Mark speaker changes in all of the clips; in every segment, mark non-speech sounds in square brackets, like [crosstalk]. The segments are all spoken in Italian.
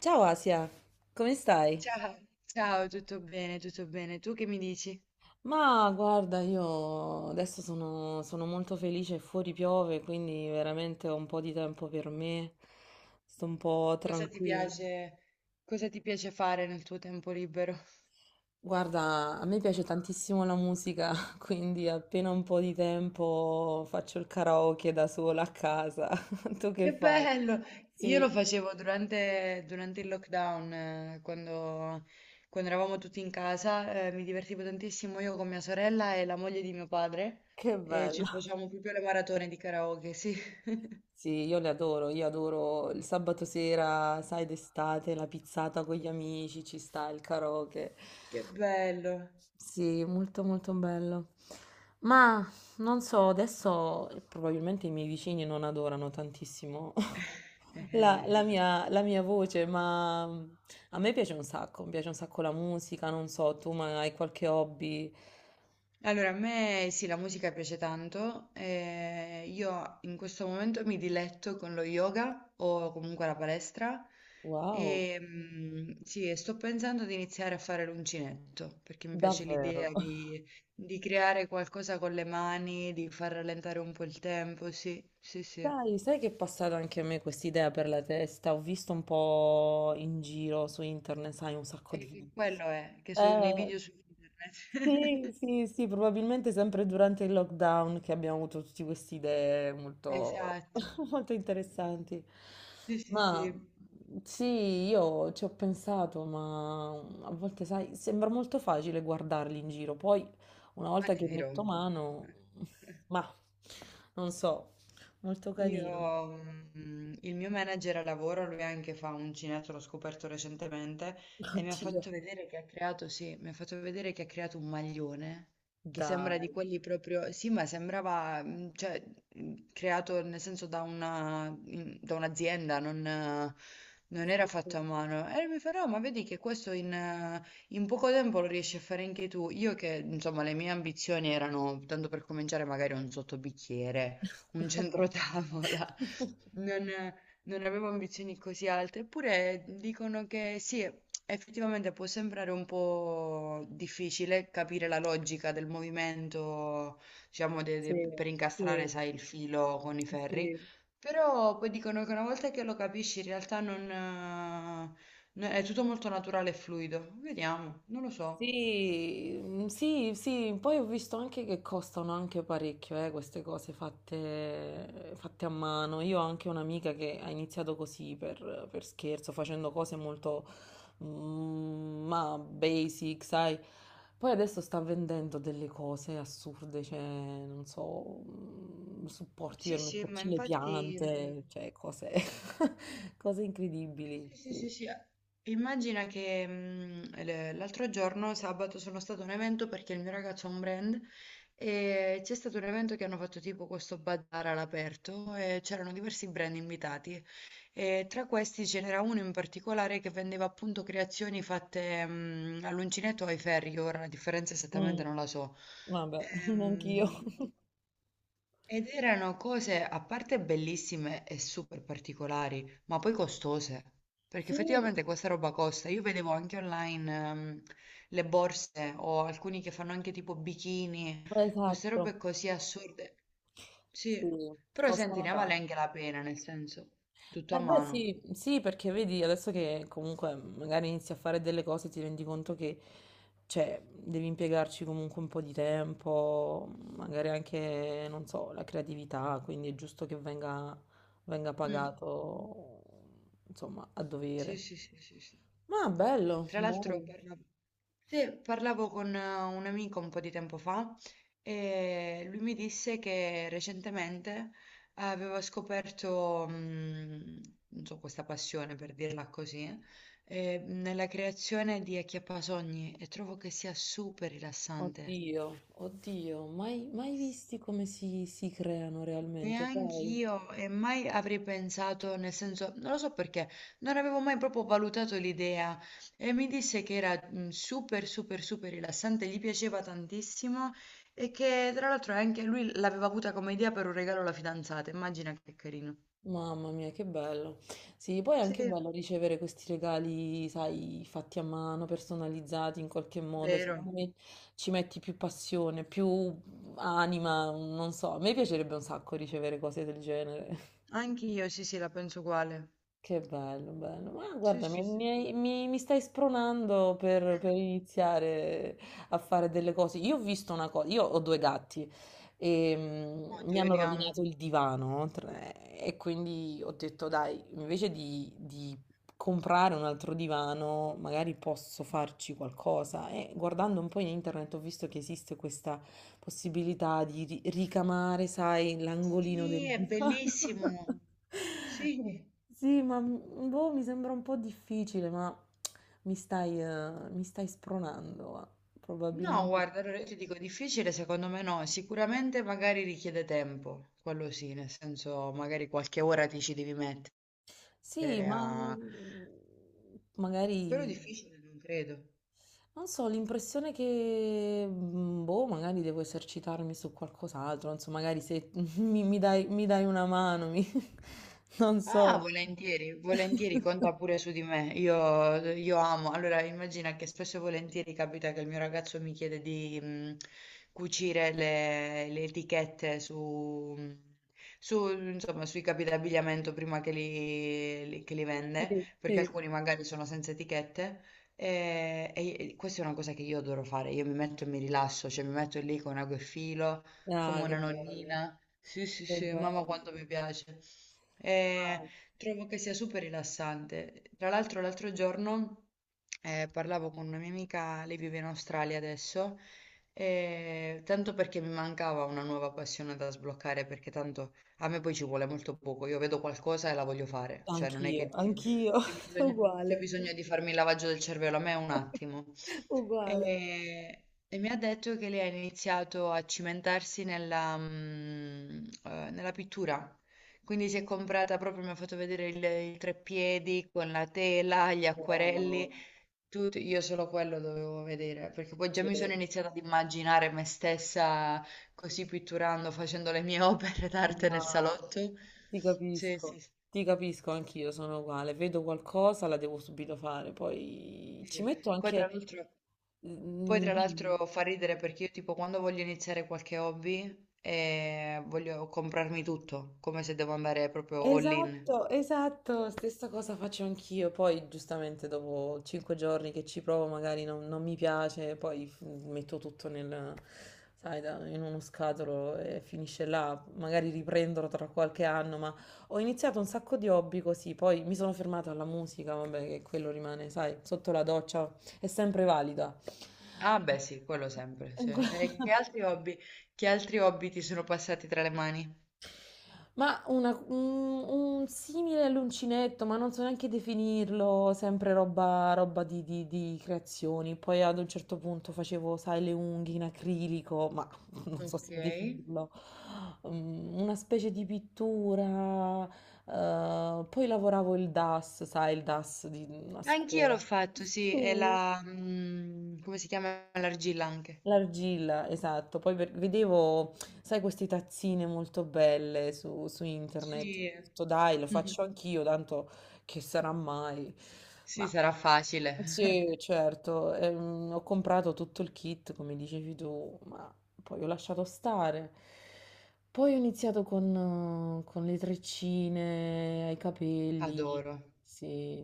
Speaker 1: Ciao Asia, come stai?
Speaker 2: Ciao, ciao, tutto bene, tutto bene. Tu che mi dici?
Speaker 1: Ma guarda, io adesso sono molto felice, fuori piove, quindi veramente ho un po' di tempo per me, sto un po'
Speaker 2: Cosa ti
Speaker 1: tranquilla.
Speaker 2: piace, cosa ti piace fare nel tuo tempo libero?
Speaker 1: Guarda, a me piace tantissimo la musica, [laughs] quindi appena un po' di tempo faccio il karaoke da sola a casa. [laughs] Tu che
Speaker 2: Che
Speaker 1: fai?
Speaker 2: bello! Io lo
Speaker 1: Sì,
Speaker 2: facevo durante il lockdown, quando, eravamo tutti in casa, mi divertivo tantissimo io con mia sorella e la moglie di mio padre
Speaker 1: che
Speaker 2: e ci
Speaker 1: bello.
Speaker 2: facevamo proprio le maratone di karaoke, sì. [laughs]
Speaker 1: Sì, io le adoro, io adoro il sabato sera, sai, d'estate, la pizzata con gli amici, ci sta il karaoke.
Speaker 2: Che bello!
Speaker 1: Sì, molto molto bello. Ma non so, adesso probabilmente i miei vicini non adorano tantissimo [laughs] la,
Speaker 2: [laughs]
Speaker 1: la mia, la mia voce, ma a me piace un sacco, mi piace un sacco la musica, non so, tu ma hai qualche hobby?
Speaker 2: Allora, a me sì, la musica piace tanto. Io in questo momento mi diletto con lo yoga o comunque la palestra.
Speaker 1: Wow,
Speaker 2: E, sì, e sto pensando di iniziare a fare l'uncinetto perché mi piace
Speaker 1: davvero.
Speaker 2: l'idea di creare qualcosa con le mani, di far rallentare un po' il tempo. Sì, sì, sì. E
Speaker 1: Dai, sai che è passata anche a me questa idea per la testa? Ho visto un po' in giro su internet, sai, un sacco di...
Speaker 2: che quello è, che sono i
Speaker 1: Eh,
Speaker 2: video su
Speaker 1: sì,
Speaker 2: internet. [laughs]
Speaker 1: sì, sì, probabilmente sempre durante il lockdown che abbiamo avuto tutte queste idee molto,
Speaker 2: Esatto.
Speaker 1: [laughs] molto interessanti.
Speaker 2: Sì, sì,
Speaker 1: Ma
Speaker 2: sì.
Speaker 1: sì, io ci ho pensato, ma a volte, sai, sembra molto facile guardarli in giro, poi una
Speaker 2: Ma
Speaker 1: volta
Speaker 2: ti
Speaker 1: che
Speaker 2: dirò. [laughs]
Speaker 1: metto mano, [laughs] ma non so, molto
Speaker 2: Io,
Speaker 1: carino.
Speaker 2: il mio manager a lavoro, lui anche fa un cinetto, l'ho scoperto recentemente, e mi ha
Speaker 1: Oddio,
Speaker 2: fatto vedere che ha creato, sì, mi ha fatto vedere che ha creato un maglione che sembra
Speaker 1: dai.
Speaker 2: di quelli proprio, sì, ma sembrava, cioè, creato nel senso da una, da un'azienda, non era fatto a mano. E mi fa, no, ma vedi che questo in poco tempo lo riesci a fare anche tu. Io che, insomma, le mie ambizioni erano, tanto per cominciare, magari un sottobicchiere, un centrotavola,
Speaker 1: Sì,
Speaker 2: [laughs]
Speaker 1: [laughs]
Speaker 2: non, non avevo ambizioni così alte, eppure dicono che sì, effettivamente può sembrare un po' difficile capire la logica del movimento, diciamo, per incastrare,
Speaker 1: sì,
Speaker 2: sai, il filo con i
Speaker 1: sì.
Speaker 2: ferri,
Speaker 1: Sì.
Speaker 2: però poi dicono che una volta che lo capisci in realtà non, no- è tutto molto naturale e fluido. Vediamo, non lo so.
Speaker 1: Sì, sì, sì, poi ho visto anche che costano anche parecchio, queste cose fatte a mano. Io ho anche un'amica che ha iniziato così per scherzo, facendo cose molto, ma basic, sai. Poi adesso sta vendendo delle cose assurde, cioè, non so, supporti
Speaker 2: Sì,
Speaker 1: per
Speaker 2: sì, ma
Speaker 1: metterci le
Speaker 2: infatti.
Speaker 1: piante, cioè cose, [laughs] cose incredibili.
Speaker 2: Sì, sì, sì,
Speaker 1: Sì.
Speaker 2: sì. Immagina che l'altro giorno, sabato, sono stato a un evento perché il mio ragazzo ha un brand e c'è stato un evento che hanno fatto tipo questo bazar all'aperto e c'erano diversi brand invitati e tra questi ce n'era uno in particolare che vendeva appunto creazioni fatte all'uncinetto o ai ferri, che ora la differenza
Speaker 1: Mm,
Speaker 2: esattamente non la so.
Speaker 1: vabbè, [laughs] anch'io.
Speaker 2: Ehm, ed erano cose a parte bellissime e super particolari, ma poi costose, perché
Speaker 1: Sì,
Speaker 2: effettivamente questa roba costa. Io vedevo anche online le borse o alcuni che fanno anche tipo bikini, queste
Speaker 1: esatto,
Speaker 2: robe così assurde. Sì,
Speaker 1: sì,
Speaker 2: però senti,
Speaker 1: costano
Speaker 2: ne vale
Speaker 1: tanto.
Speaker 2: anche la pena, nel senso, tutto a
Speaker 1: Eh beh
Speaker 2: mano.
Speaker 1: sì, sì, perché vedi adesso che comunque magari inizi a fare delle cose ti rendi conto che cioè, devi impiegarci comunque un po' di tempo, magari anche, non so, la creatività, quindi è giusto che venga
Speaker 2: Mm.
Speaker 1: pagato, insomma, a
Speaker 2: Sì,
Speaker 1: dovere.
Speaker 2: sì, sì, sì, sì.
Speaker 1: Ma bello,
Speaker 2: Tra l'altro,
Speaker 1: bello.
Speaker 2: sì, parlavo con un amico un po' di tempo fa e lui mi disse che recentemente aveva scoperto, non so, questa passione per dirla così, nella creazione di acchiappasogni, e trovo che sia super rilassante.
Speaker 1: Oddio, oddio, mai, mai visti come si creano realmente, sai?
Speaker 2: Neanch'io, e mai avrei pensato, nel senso, non lo so perché, non avevo mai proprio valutato l'idea, e mi disse che era super, super, super rilassante, gli piaceva tantissimo, e che tra l'altro anche lui l'aveva avuta come idea per un regalo alla fidanzata, immagina che carino.
Speaker 1: Mamma mia, che bello. Sì, poi è anche
Speaker 2: Sì,
Speaker 1: bello ricevere questi regali, sai, fatti a mano, personalizzati in qualche modo.
Speaker 2: vero,
Speaker 1: Secondo me ci metti più passione, più anima, non so. A me piacerebbe un sacco ricevere cose del genere.
Speaker 2: anch'io sì, sì, la penso uguale.
Speaker 1: Che bello, bello. Ma
Speaker 2: Sì,
Speaker 1: guarda, mi,
Speaker 2: sì, sì.
Speaker 1: mi hai- mi- mi stai spronando per iniziare a fare delle cose. Io ho visto una cosa, io ho due gatti e mi
Speaker 2: Oddio, io
Speaker 1: hanno
Speaker 2: li amo.
Speaker 1: rovinato il divano e quindi ho detto, dai, invece di comprare un altro divano, magari posso farci qualcosa. E guardando un po' in internet ho visto che esiste questa possibilità di ricamare, sai, l'angolino del
Speaker 2: Sì, è
Speaker 1: divano.
Speaker 2: bellissimo.
Speaker 1: [laughs]
Speaker 2: Sì.
Speaker 1: Sì, ma boh, mi sembra un po' difficile, ma mi stai spronando,
Speaker 2: No,
Speaker 1: probabilmente.
Speaker 2: guarda, allora io ti dico difficile, secondo me no, sicuramente magari richiede tempo, quello sì, nel senso magari qualche ora ti ci devi mettere
Speaker 1: Sì, ma
Speaker 2: a... Però
Speaker 1: magari,
Speaker 2: difficile non credo.
Speaker 1: non so, l'impressione che, boh, magari devo esercitarmi su qualcos'altro, non so, magari se [laughs] mi dai una mano, [laughs] non
Speaker 2: Ah,
Speaker 1: so.
Speaker 2: volentieri, volentieri, conta
Speaker 1: [laughs]
Speaker 2: pure su di me. Io amo. Allora, immagina che spesso e volentieri capita che il mio ragazzo mi chiede di cucire le etichette insomma, sui capi d'abbigliamento prima che che li vende,
Speaker 1: Sì,
Speaker 2: perché
Speaker 1: sì.
Speaker 2: alcuni magari sono senza etichette. E questa è una cosa che io adoro fare. Io mi metto e mi rilasso, cioè mi metto lì con ago e filo, come
Speaker 1: Ah, che
Speaker 2: una
Speaker 1: bello,
Speaker 2: nonnina. Sì, sì,
Speaker 1: che
Speaker 2: sì, mamma
Speaker 1: bello.
Speaker 2: quanto mi piace.
Speaker 1: Ah,
Speaker 2: E trovo che sia super rilassante. Tra l'altro, l'altro giorno parlavo con una mia amica, lei vive in Australia adesso, e tanto perché mi mancava una nuova passione da sbloccare, perché tanto a me poi ci vuole molto poco. Io vedo qualcosa e la voglio fare, cioè non è
Speaker 1: anch'io,
Speaker 2: che dici,
Speaker 1: anch'io,
Speaker 2: c'è
Speaker 1: [laughs]
Speaker 2: bisogno, c'è
Speaker 1: uguale.
Speaker 2: bisogno di farmi il lavaggio del cervello, a me è un attimo.
Speaker 1: Uguale.
Speaker 2: E mi ha detto che lei ha iniziato a cimentarsi nella pittura. Quindi si è comprata proprio, mi ha fatto vedere il treppiedi con la tela, gli acquerelli,
Speaker 1: Wow,
Speaker 2: tutto. Io solo quello dovevo vedere, perché poi già
Speaker 1: sì,
Speaker 2: mi sono iniziata ad immaginare me stessa così pitturando, facendo le mie [laughs] opere d'arte
Speaker 1: ma
Speaker 2: nel salotto.
Speaker 1: ti
Speaker 2: Sì,
Speaker 1: capisco,
Speaker 2: sì, sì.
Speaker 1: ti capisco anch'io, sono uguale, vedo qualcosa, la devo subito fare, poi ci
Speaker 2: Sì.
Speaker 1: metto
Speaker 2: Poi
Speaker 1: anche...
Speaker 2: tra l'altro, poi
Speaker 1: Mm,
Speaker 2: tra
Speaker 1: dimmi.
Speaker 2: l'altro fa ridere perché io tipo quando voglio iniziare qualche hobby, voglio comprarmi tutto, come se devo andare proprio all in.
Speaker 1: Esatto, esatto, stessa cosa faccio anch'io, poi giustamente dopo cinque giorni che ci provo magari non mi piace, poi metto tutto nel, sai, in uno scatolo e finisce là, magari riprenderò tra qualche anno, ma ho iniziato un sacco di hobby così, poi mi sono fermata alla musica, vabbè, che quello rimane, sai, sotto la doccia, è sempre valida.
Speaker 2: Ah beh sì, quello sempre. Sì. E che
Speaker 1: [laughs]
Speaker 2: altri hobby, ti sono passati tra le mani?
Speaker 1: Ma un simile l'uncinetto, ma non so neanche definirlo, sempre roba di creazioni. Poi ad un certo punto facevo, sai, le unghie in acrilico, ma [laughs] non so se
Speaker 2: Ok.
Speaker 1: definirlo. Una specie di pittura. Poi lavoravo il DAS, sai, il DAS di una
Speaker 2: Anch'io l'ho
Speaker 1: scuola.
Speaker 2: fatto, sì, e
Speaker 1: Sì,
Speaker 2: la... come si chiama? L'argilla anche.
Speaker 1: l'argilla, esatto. Poi vedevo, sai, queste tazzine molto belle su internet. Ho
Speaker 2: Sì.
Speaker 1: detto, Dai, lo
Speaker 2: [laughs]
Speaker 1: faccio anch'io, tanto che sarà mai.
Speaker 2: Sì,
Speaker 1: Ma
Speaker 2: sarà facile.
Speaker 1: sì,
Speaker 2: [laughs]
Speaker 1: certo, ho comprato tutto il kit, come dicevi tu, ma poi ho lasciato stare. Poi ho iniziato con le treccine ai capelli.
Speaker 2: Adoro.
Speaker 1: Sì,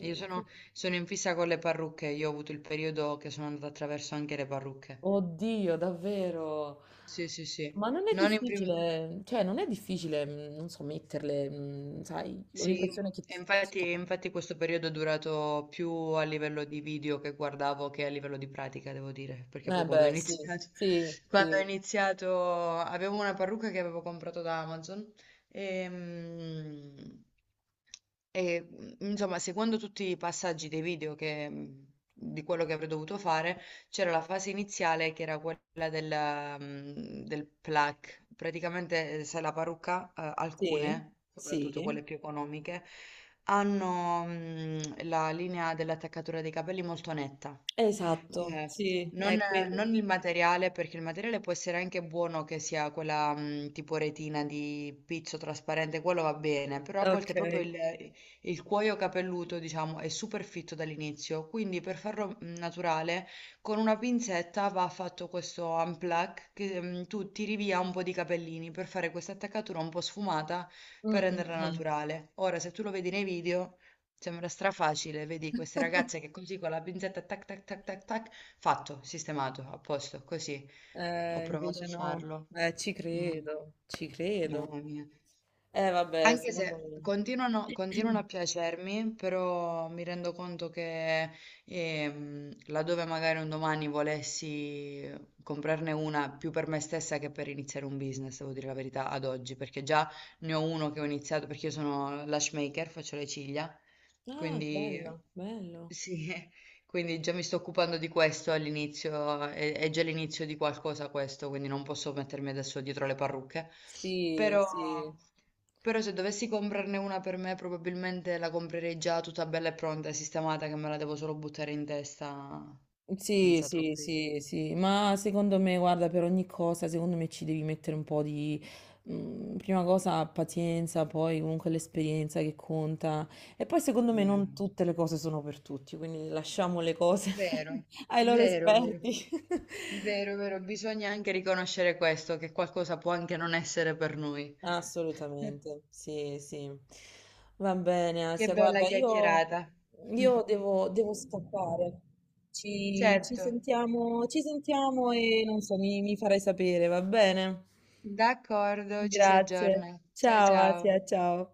Speaker 2: Io
Speaker 1: Sì.
Speaker 2: sono, sono in fissa con le parrucche, io ho avuto il periodo che sono andata attraverso anche le parrucche.
Speaker 1: Oddio, davvero.
Speaker 2: Sì, sì, sì.
Speaker 1: Ma non è
Speaker 2: Non in prima...
Speaker 1: difficile, cioè non è difficile, non so, metterle, sai, ho
Speaker 2: Sì,
Speaker 1: l'impressione che...
Speaker 2: e
Speaker 1: ti
Speaker 2: infatti,
Speaker 1: tocca.
Speaker 2: infatti questo periodo è durato più a livello di video che guardavo che a livello di pratica, devo dire, perché
Speaker 1: Eh
Speaker 2: poi quando ho
Speaker 1: beh, sì,
Speaker 2: iniziato,
Speaker 1: sì,
Speaker 2: [laughs]
Speaker 1: sì,
Speaker 2: quando ho iniziato avevo una parrucca che avevo comprato da Amazon e, mm, insomma, seguendo tutti i passaggi dei video di quello che avrei dovuto fare, c'era la fase iniziale che era quella del plucking. Praticamente, sai, la parrucca,
Speaker 1: sì,
Speaker 2: alcune,
Speaker 1: sì,
Speaker 2: soprattutto quelle più economiche, hanno la linea dell'attaccatura dei capelli molto netta.
Speaker 1: esatto.
Speaker 2: Eh,
Speaker 1: Sì,
Speaker 2: non,
Speaker 1: è quello.
Speaker 2: non il materiale, perché il materiale può essere anche buono che sia quella tipo retina di pizzo trasparente, quello va bene, però a volte
Speaker 1: Ok.
Speaker 2: proprio il cuoio capelluto, diciamo, è super fitto dall'inizio, quindi per farlo naturale con una pinzetta va fatto questo unplug che tu tiri via un po' di capellini per fare questa attaccatura un po' sfumata
Speaker 1: Mm,
Speaker 2: per
Speaker 1: mm,
Speaker 2: renderla
Speaker 1: mm.
Speaker 2: naturale. Ora, se tu lo vedi nei video, sembra strafacile, vedi queste ragazze
Speaker 1: [laughs]
Speaker 2: che così con la pinzetta tac tac tac tac tac, fatto, sistemato, a posto, così. Ho provato a
Speaker 1: Invece no.
Speaker 2: farlo.
Speaker 1: Ci
Speaker 2: Mm.
Speaker 1: credo, ci credo.
Speaker 2: Mamma mia.
Speaker 1: Eh vabbè,
Speaker 2: Anche
Speaker 1: secondo
Speaker 2: se continuano,
Speaker 1: me...
Speaker 2: continuano a
Speaker 1: [clears throat]
Speaker 2: piacermi, però mi rendo conto che laddove magari un domani volessi comprarne una più per me stessa che per iniziare un business, devo dire la verità, ad oggi, perché già ne ho uno che ho iniziato, perché io sono lash maker, faccio le ciglia,
Speaker 1: Ah,
Speaker 2: quindi
Speaker 1: bello, bello.
Speaker 2: sì, [laughs] quindi già mi sto occupando di questo all'inizio, è già l'inizio di qualcosa questo, quindi non posso mettermi adesso dietro le parrucche,
Speaker 1: Sì,
Speaker 2: però...
Speaker 1: sì.
Speaker 2: Però se dovessi comprarne una per me, probabilmente la comprerei già tutta bella e pronta e sistemata, che me la devo solo buttare in testa
Speaker 1: Sì,
Speaker 2: senza
Speaker 1: sì,
Speaker 2: troppi
Speaker 1: sì, sì, ma secondo me, guarda, per ogni cosa, secondo me ci devi mettere un po' di, prima cosa, pazienza, poi comunque l'esperienza che conta. E poi secondo me non
Speaker 2: problemi.
Speaker 1: tutte le cose sono per tutti, quindi lasciamo le cose
Speaker 2: Vero,
Speaker 1: [laughs] ai loro
Speaker 2: vero, vero,
Speaker 1: esperti. [laughs]
Speaker 2: vero, vero. Bisogna anche riconoscere questo, che qualcosa può anche non essere per noi.
Speaker 1: Assolutamente, sì, sì. Va bene,
Speaker 2: Che
Speaker 1: Asia,
Speaker 2: bella
Speaker 1: guarda, io,
Speaker 2: chiacchierata. [laughs]
Speaker 1: io devo scappare. Ci, ci
Speaker 2: Certo,
Speaker 1: sentiamo, ci sentiamo e non so, mi farai sapere, va bene?
Speaker 2: d'accordo, ci si
Speaker 1: Grazie.
Speaker 2: aggiorna. Ciao
Speaker 1: Ciao,
Speaker 2: ciao.
Speaker 1: Asia, ciao.